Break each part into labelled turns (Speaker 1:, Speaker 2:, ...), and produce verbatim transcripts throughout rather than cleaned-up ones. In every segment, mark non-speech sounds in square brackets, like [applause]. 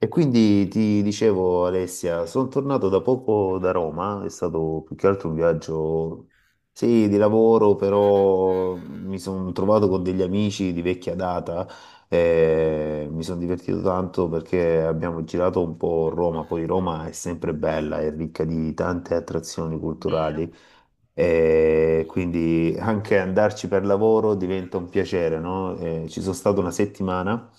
Speaker 1: E quindi ti dicevo, Alessia, sono tornato da poco da Roma, è stato più che altro un viaggio, sì, di lavoro, però mi sono trovato con degli amici di vecchia data e mi sono divertito tanto perché abbiamo girato un po' Roma, poi Roma è sempre bella, è ricca di tante attrazioni
Speaker 2: Vero.
Speaker 1: culturali e quindi anche andarci per lavoro diventa un piacere, no? Eh, ci sono stato una settimana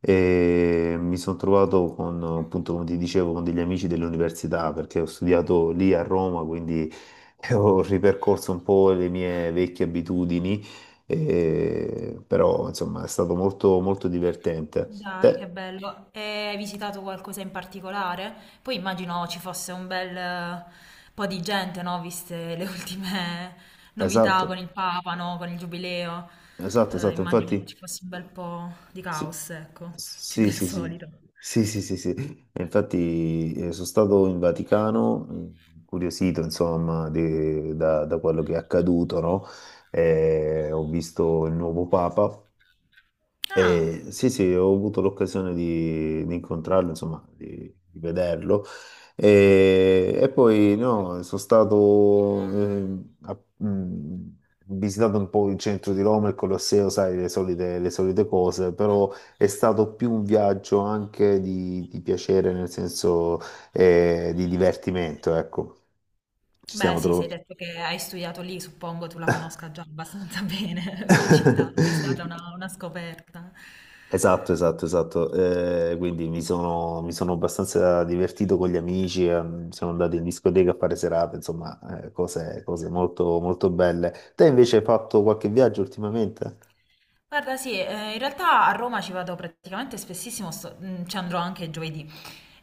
Speaker 1: e mi sono trovato con, appunto, come ti dicevo, con degli amici dell'università perché ho studiato lì a Roma, quindi [laughs] ho ripercorso un po' le mie vecchie abitudini, eh, però insomma è stato molto, molto divertente.
Speaker 2: Dai, che
Speaker 1: Te-
Speaker 2: bello. E hai visitato qualcosa in particolare? Poi immagino ci fosse un bel eh, po' di gente, no? Viste le ultime novità con
Speaker 1: esatto,
Speaker 2: il Papa, no? Con il Giubileo.
Speaker 1: esatto,
Speaker 2: Eh,
Speaker 1: esatto.
Speaker 2: immagino
Speaker 1: Infatti.
Speaker 2: ci fosse un bel po' di
Speaker 1: Sì,
Speaker 2: caos, ecco, più
Speaker 1: sì,
Speaker 2: del
Speaker 1: sì, sì,
Speaker 2: solito.
Speaker 1: sì, sì, sì, sì. E infatti eh, sono stato in Vaticano, eh, incuriosito, insomma, de- da, da quello che è accaduto, no? Eh, ho visto il nuovo Papa
Speaker 2: Ah,
Speaker 1: e sì, sì, ho avuto l'occasione di, di incontrarlo, insomma, di, di vederlo. E, e poi no, sono stato, ehm, a- mh, ho visitato un po' il centro di Roma, il Colosseo, sai, le solite, le solite cose, però è stato più un viaggio anche di, di piacere, nel senso, eh, di divertimento, ecco. Ci
Speaker 2: beh,
Speaker 1: stiamo
Speaker 2: sì, sei
Speaker 1: trovando.
Speaker 2: detto che hai studiato lì, suppongo tu la conosca già abbastanza [laughs] bene come città, non è stata una,
Speaker 1: [laughs]
Speaker 2: una scoperta.
Speaker 1: Esatto, esatto, esatto. Eh, quindi mi sono, mi sono abbastanza divertito con gli amici, ehm, siamo andati in discoteca a fare serate, insomma, eh, cose, cose molto, molto belle. Te invece hai fatto qualche viaggio ultimamente?
Speaker 2: Guarda, sì, eh, in realtà a Roma ci vado praticamente spessissimo, sto- mm, ci andrò anche giovedì.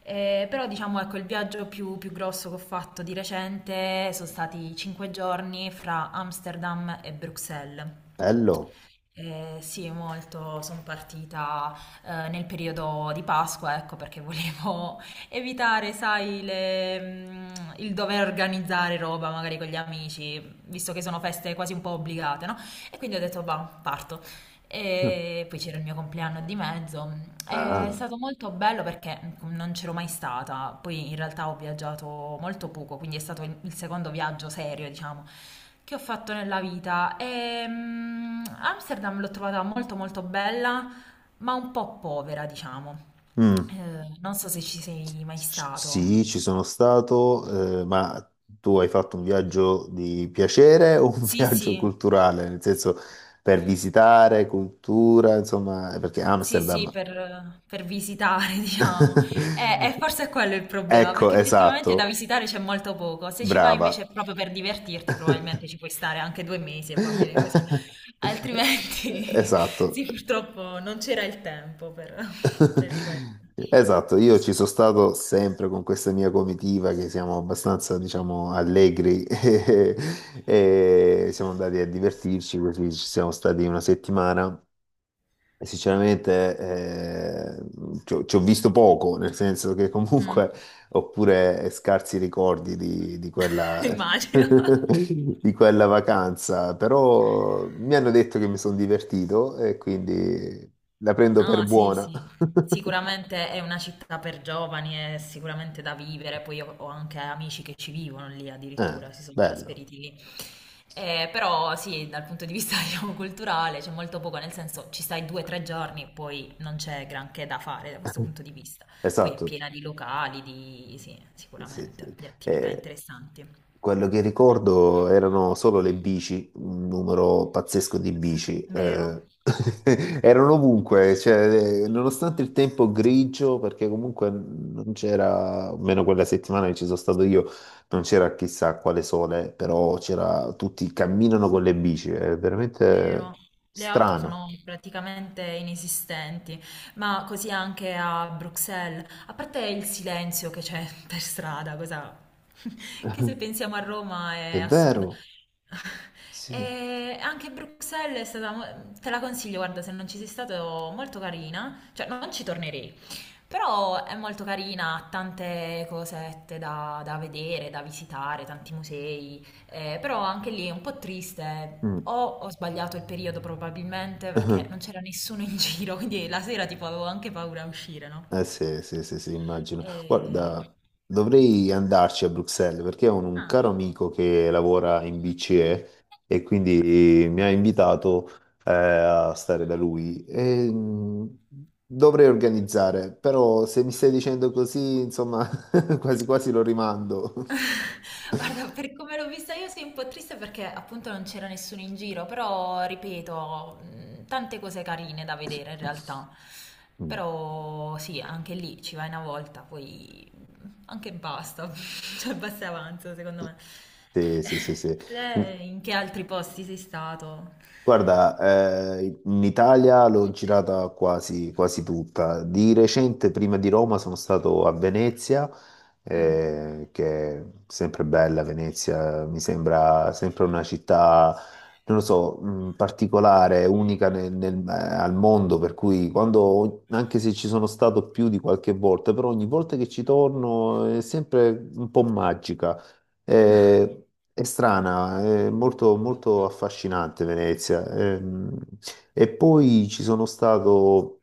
Speaker 2: Eh, però diciamo ecco il viaggio più, più grosso che ho fatto di recente sono stati cinque giorni fra Amsterdam e Bruxelles.
Speaker 1: Bello.
Speaker 2: Eh, sì, molto, sono partita eh, nel periodo di Pasqua, ecco perché volevo [laughs] evitare, sai, le- mm, il dover organizzare roba magari con gli amici, visto che sono feste quasi un po' obbligate, no? E quindi ho detto, va, parto.
Speaker 1: [laughs] Mm.
Speaker 2: E poi c'era il mio compleanno di mezzo. È
Speaker 1: Ah.
Speaker 2: stato molto bello perché non c'ero mai stata. Poi in realtà ho viaggiato molto poco, quindi è stato il secondo viaggio serio, diciamo, che ho fatto nella vita. E, mm, Amsterdam l'ho trovata molto molto bella, ma un po' povera, diciamo.
Speaker 1: Mm.
Speaker 2: Eh, non so se ci sei mai
Speaker 1: C-
Speaker 2: stato.
Speaker 1: Sì, ci sono stato, eh, ma tu hai fatto un viaggio di piacere o un [laughs]
Speaker 2: Sì,
Speaker 1: viaggio
Speaker 2: sì.
Speaker 1: culturale? Nel senso, per visitare cultura, insomma, eh, perché
Speaker 2: Sì, sì,
Speaker 1: Amsterdam...
Speaker 2: per, per visitare, [laughs] diciamo. E, e
Speaker 1: [laughs]
Speaker 2: forse è quello il problema,
Speaker 1: Ecco,
Speaker 2: perché effettivamente da
Speaker 1: esatto,
Speaker 2: visitare c'è molto poco. Se ci vai invece
Speaker 1: brava.
Speaker 2: proprio per divertirti, probabilmente ci puoi stare anche due mesi e va bene così.
Speaker 1: [laughs]
Speaker 2: Altrimenti, [laughs] sì,
Speaker 1: Esatto.
Speaker 2: purtroppo non c'era il tempo per, per questo.
Speaker 1: Esatto, io ci sono stato sempre con questa mia comitiva che siamo abbastanza, diciamo, allegri [laughs] e siamo andati a divertirci, così ci siamo stati una settimana. E sinceramente, eh, ci ho, ci ho visto poco, nel senso che
Speaker 2: Mm,
Speaker 1: comunque ho pure scarsi ricordi di, di
Speaker 2: [laughs]
Speaker 1: quella, [laughs]
Speaker 2: immagino.
Speaker 1: di quella vacanza, però mi hanno detto che mi sono divertito e quindi la prendo per
Speaker 2: No, sì,
Speaker 1: buona.
Speaker 2: sì,
Speaker 1: [laughs]
Speaker 2: sicuramente è una città per giovani, è sicuramente da vivere, poi io ho anche amici che ci vivono lì
Speaker 1: Eh,
Speaker 2: addirittura, si sono
Speaker 1: bello,
Speaker 2: trasferiti lì. Eh, però sì, dal punto di vista [laughs] diciamo, culturale c'è molto poco, nel senso ci stai due o tre giorni e poi non c'è granché da fare da questo punto di vista. Poi è
Speaker 1: esatto.
Speaker 2: piena di locali, di, sì,
Speaker 1: Sì,
Speaker 2: sicuramente,
Speaker 1: sì.
Speaker 2: di attività
Speaker 1: Eh,
Speaker 2: interessanti.
Speaker 1: quello che ricordo erano solo le bici, un numero pazzesco di bici.
Speaker 2: Vero?
Speaker 1: Eh. [laughs] Erano ovunque, cioè, eh, nonostante il tempo grigio, perché comunque non c'era, almeno quella settimana che ci sono stato io, non c'era chissà quale sole, però c'era, tutti camminano con le bici, è
Speaker 2: Vero,
Speaker 1: veramente
Speaker 2: le auto
Speaker 1: strano.
Speaker 2: sono praticamente inesistenti, ma così anche a Bruxelles, a parte il silenzio che c'è [laughs] per strada, cosa [laughs] che se
Speaker 1: [laughs]
Speaker 2: pensiamo a Roma
Speaker 1: È
Speaker 2: è assurda.
Speaker 1: vero,
Speaker 2: [laughs]
Speaker 1: sì.
Speaker 2: E anche Bruxelles è stata, mo- te la consiglio, guarda, se non ci sei stato, molto carina, cioè non ci tornerei, però è molto carina, ha tante cosette da, da vedere, da visitare, tanti musei, eh, però anche lì è un po' triste.
Speaker 1: Mm.
Speaker 2: O ho sbagliato il periodo probabilmente perché non
Speaker 1: [laughs]
Speaker 2: c'era nessuno in [laughs] giro, quindi la sera tipo avevo anche paura a uscire, no?
Speaker 1: Eh sì, sì, sì, sì, immagino.
Speaker 2: Eh,
Speaker 1: Guarda, dovrei andarci a Bruxelles perché ho un, un caro
Speaker 2: ah.
Speaker 1: amico che lavora in BCE e e quindi mi ha invitato eh, a stare da lui. E, mh, dovrei organizzare, però se mi stai dicendo così, insomma, [laughs] quasi quasi lo rimando.
Speaker 2: [laughs] Guarda, per come l'ho vista io sei un po' triste perché appunto non c'era nessuno in giro, però ripeto, mh, tante cose carine da vedere in realtà.
Speaker 1: [laughs] Mm.
Speaker 2: Però sì, anche lì ci vai una volta, poi anche basta, [laughs] cioè basta e avanza secondo me.
Speaker 1: Sì, sì, sì,
Speaker 2: [laughs]
Speaker 1: sì.
Speaker 2: Te in che altri posti sei stato?
Speaker 1: Guarda, eh, in Italia l'ho girata quasi, quasi tutta. Di recente, prima di Roma, sono stato a Venezia,
Speaker 2: Mm.
Speaker 1: eh, che è sempre bella Venezia, mi sembra sempre una città, non lo so, mh, particolare, unica nel- nel- eh, al mondo, per cui quando, anche se ci sono stato più di qualche volta, però ogni volta che ci torno è sempre un po' magica. Eh, è strana, è molto, molto affascinante Venezia. Ehm, e poi ci sono stato,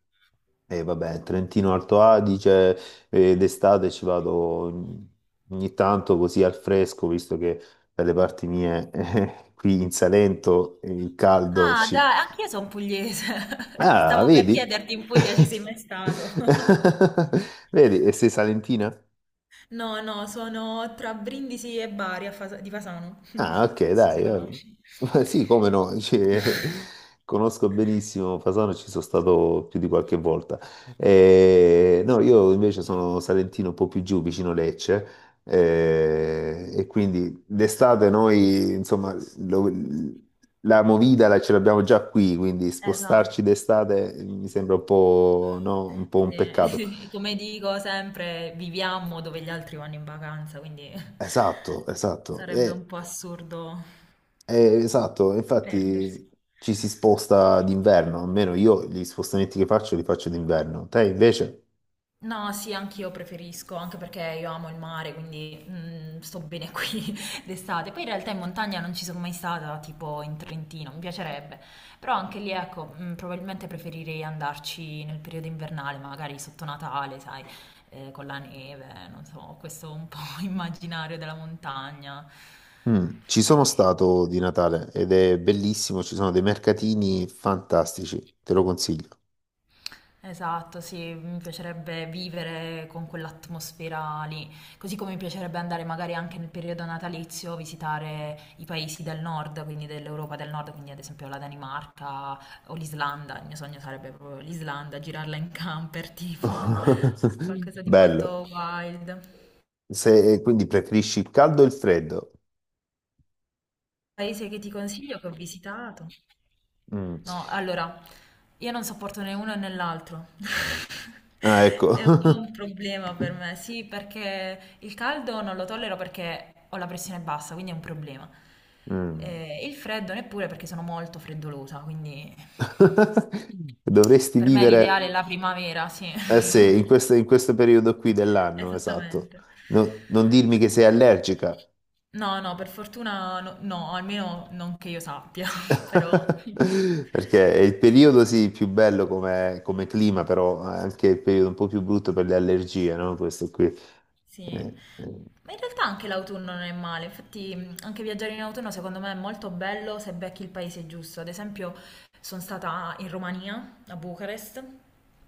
Speaker 1: eh, vabbè, Trentino Alto Adige, eh, d'estate ci vado ogni tanto così al fresco, visto che dalle parti mie, [laughs] eh, qui in Salento, il caldo
Speaker 2: Ah,
Speaker 1: ci...
Speaker 2: dai, anch'io sono pugliese. [laughs] Ti
Speaker 1: Ah,
Speaker 2: stavo per
Speaker 1: vedi?
Speaker 2: chiederti in
Speaker 1: [laughs]
Speaker 2: Puglia ci sei mai stato. [laughs]
Speaker 1: Vedi, e sei salentina?
Speaker 2: No, no, sono tra Brindisi e Bari a Fasa- di Fasano. [laughs]
Speaker 1: Ah, ok,
Speaker 2: Non so se
Speaker 1: dai. Eh. [laughs]
Speaker 2: conosci.
Speaker 1: Ma sì, come no, [laughs] cioè,
Speaker 2: [laughs]
Speaker 1: conosco benissimo Fasano, ci sono stato più di qualche volta. Eh, no, io invece sono salentino un po' più giù, vicino Lecce, eh, e quindi d'estate noi, insomma, lo- la movida la- ce l'abbiamo già qui, quindi spostarci
Speaker 2: Esatto.
Speaker 1: d'estate mi sembra un po', no, un po' un peccato.
Speaker 2: Sì, [laughs] come dico sempre, viviamo dove gli altri vanno in vacanza, quindi
Speaker 1: Esatto,
Speaker 2: [laughs]
Speaker 1: esatto.
Speaker 2: sarebbe un
Speaker 1: E
Speaker 2: po' assurdo
Speaker 1: eh, esatto,
Speaker 2: perdersi.
Speaker 1: infatti ci si sposta d'inverno, almeno io gli spostamenti che faccio li faccio d'inverno. Te invece?
Speaker 2: No, sì, anch'io preferisco, anche perché io amo il mare, quindi mm, sto bene qui [laughs] d'estate. Poi in realtà in montagna non ci sono mai stata, tipo in Trentino, mi piacerebbe. Però anche lì, ecco, mm, probabilmente preferirei andarci nel periodo invernale, magari sotto Natale, sai, eh, con la neve, non so, questo un po' [laughs] immaginario della montagna.
Speaker 1: Mm, ci sono
Speaker 2: Eh,
Speaker 1: stato di Natale ed è bellissimo, ci sono dei mercatini fantastici, te lo consiglio.
Speaker 2: Esatto, sì, mi piacerebbe vivere con quell'atmosfera lì, così come mi piacerebbe andare magari anche nel periodo natalizio a visitare i paesi del nord, quindi dell'Europa del nord, quindi ad esempio la Danimarca o l'Islanda, il mio sogno sarebbe proprio l'Islanda, girarla in camper, tipo [laughs]
Speaker 1: [laughs]
Speaker 2: qualcosa di
Speaker 1: Bello.
Speaker 2: molto wild.
Speaker 1: Se, quindi preferisci il caldo o il freddo?
Speaker 2: Paese che ti consiglio, che ho visitato.
Speaker 1: Mm.
Speaker 2: No, allora, io non sopporto né uno né l'altro. [laughs]
Speaker 1: Ah, ecco.
Speaker 2: È un po' un
Speaker 1: [laughs]
Speaker 2: problema per me, sì, perché il caldo non lo tollero perché ho la pressione bassa, quindi è un problema.
Speaker 1: Mm.
Speaker 2: Eh, il freddo neppure perché sono molto freddolosa, quindi
Speaker 1: [laughs] Dovresti
Speaker 2: per me l'ideale
Speaker 1: vivere,
Speaker 2: è la primavera, sì.
Speaker 1: eh
Speaker 2: [laughs]
Speaker 1: sì, in questo, in questo periodo qui dell'anno, esatto.
Speaker 2: Esattamente.
Speaker 1: No- non dirmi che sei allergica,
Speaker 2: No, no, per fortuna no, no, almeno non che io sappia, [laughs] però...
Speaker 1: [laughs] perché è il periodo sì più bello come, come clima, però è anche il periodo un po' più brutto per le allergie, no? Questo qui.
Speaker 2: Sì,
Speaker 1: Eh, eh.
Speaker 2: ma in realtà anche l'autunno non è male, infatti mh, anche viaggiare in autunno secondo me è molto bello se becchi il paese giusto. Ad esempio sono stata in Romania, a Bucarest,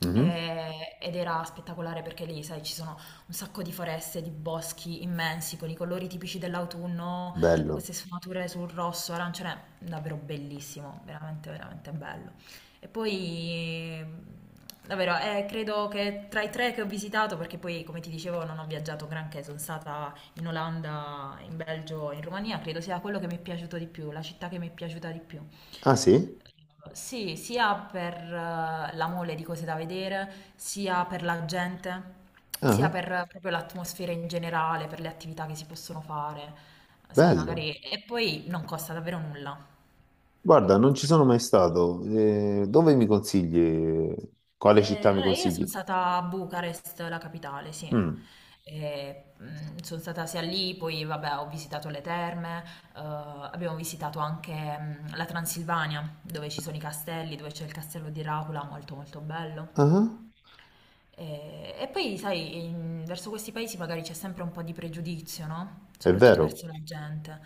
Speaker 1: Mhm.
Speaker 2: e- ed era spettacolare perché lì, sai, ci sono un sacco di foreste, di boschi immensi con i colori tipici dell'autunno,
Speaker 1: Bello.
Speaker 2: queste sfumature sul rosso, arancione, davvero bellissimo, veramente, veramente bello. E poi, ehm, davvero, eh, credo che tra i tre che ho visitato, perché poi, come ti dicevo, non ho viaggiato granché, sono stata in Olanda, in Belgio, e in Romania, credo sia quello che mi è piaciuto di più, la città che mi è piaciuta di più.
Speaker 1: Ah sì?
Speaker 2: Sì, sia per eh, la mole di cose da vedere, sia per la gente, sia
Speaker 1: Ah,
Speaker 2: per eh, proprio l'atmosfera in generale, per le attività che si possono fare, sai,
Speaker 1: bello.
Speaker 2: magari... E poi non costa davvero nulla.
Speaker 1: Guarda, non ci sono mai stato. Eh, dove mi consigli? Quale
Speaker 2: Eh,
Speaker 1: città mi
Speaker 2: allora, io
Speaker 1: consigli?
Speaker 2: sono stata a Bucarest, la capitale, sì.
Speaker 1: Mm.
Speaker 2: E, mm, sono stata sia lì, poi vabbè, ho visitato le terme, eh, abbiamo visitato anche mm, la Transilvania, dove ci sono i castelli, dove c'è il castello di Dracula, molto molto bello.
Speaker 1: Ah,
Speaker 2: E, e poi, sai, in- verso questi paesi magari c'è sempre un po' di pregiudizio, no?
Speaker 1: è
Speaker 2: Soprattutto verso
Speaker 1: vero.
Speaker 2: la gente.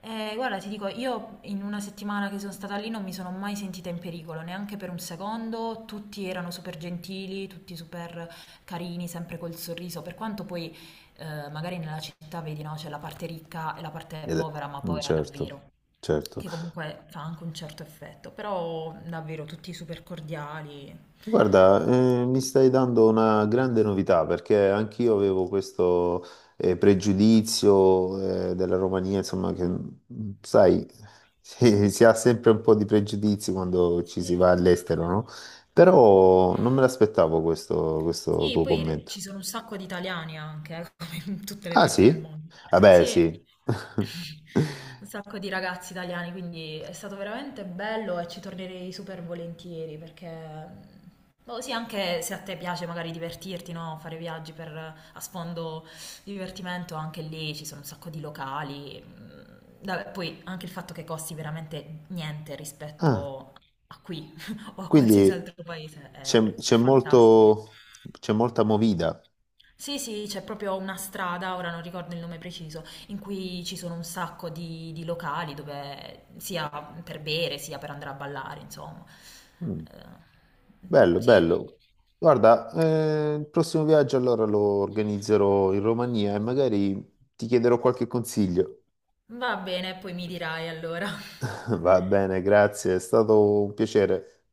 Speaker 2: E guarda, ti dico, io in una settimana che sono stata lì non mi sono mai sentita in pericolo, neanche per un secondo. Tutti erano super gentili, tutti super carini, sempre col sorriso. Per quanto poi, eh, magari nella città vedi, no? C'è la parte ricca e la parte
Speaker 1: Ed
Speaker 2: povera, ma
Speaker 1: è- mm,
Speaker 2: povera
Speaker 1: Certo,
Speaker 2: davvero.
Speaker 1: certo.
Speaker 2: Che comunque fa anche un certo effetto, però davvero tutti super cordiali.
Speaker 1: Guarda, eh, mi stai dando una grande novità perché anch'io avevo questo eh, pregiudizio eh, della Romania, insomma, che mm, sai, [laughs] si, si ha sempre un po' di pregiudizi quando ci si va
Speaker 2: Sì.
Speaker 1: all'estero, no? Però non me l'aspettavo questo, questo
Speaker 2: Sì,
Speaker 1: tuo
Speaker 2: poi
Speaker 1: commento.
Speaker 2: ci sono un sacco di italiani anche, eh, [laughs] come in tutte le
Speaker 1: Ah
Speaker 2: parti del
Speaker 1: sì?
Speaker 2: mondo.
Speaker 1: Vabbè,
Speaker 2: Sì,
Speaker 1: sì. [laughs]
Speaker 2: un sacco di ragazzi italiani, quindi è stato veramente bello e ci tornerei super volentieri perché, boh, sì, anche se a te piace magari divertirti, no? Fare viaggi per, a sfondo divertimento, anche lì ci sono un sacco di locali. Mm, vabbè, poi anche il fatto che costi veramente niente
Speaker 1: Ah,
Speaker 2: rispetto a qui [laughs] o a qualsiasi
Speaker 1: quindi
Speaker 2: altro paese è,
Speaker 1: c'è
Speaker 2: è
Speaker 1: c'è
Speaker 2: fantastico.
Speaker 1: molto, c'è molta movida.
Speaker 2: Sì, sì, c'è proprio una strada, ora non ricordo il nome preciso, in cui ci sono un sacco di, di locali dove sia per bere sia per andare a ballare, insomma.
Speaker 1: Mm.
Speaker 2: Eh,
Speaker 1: Bello,
Speaker 2: sì,
Speaker 1: bello. Guarda, eh, il prossimo viaggio allora lo organizzerò in Romania e magari ti chiederò qualche consiglio.
Speaker 2: va bene, poi mi dirai allora.
Speaker 1: [laughs] Va bene, grazie, è stato un piacere.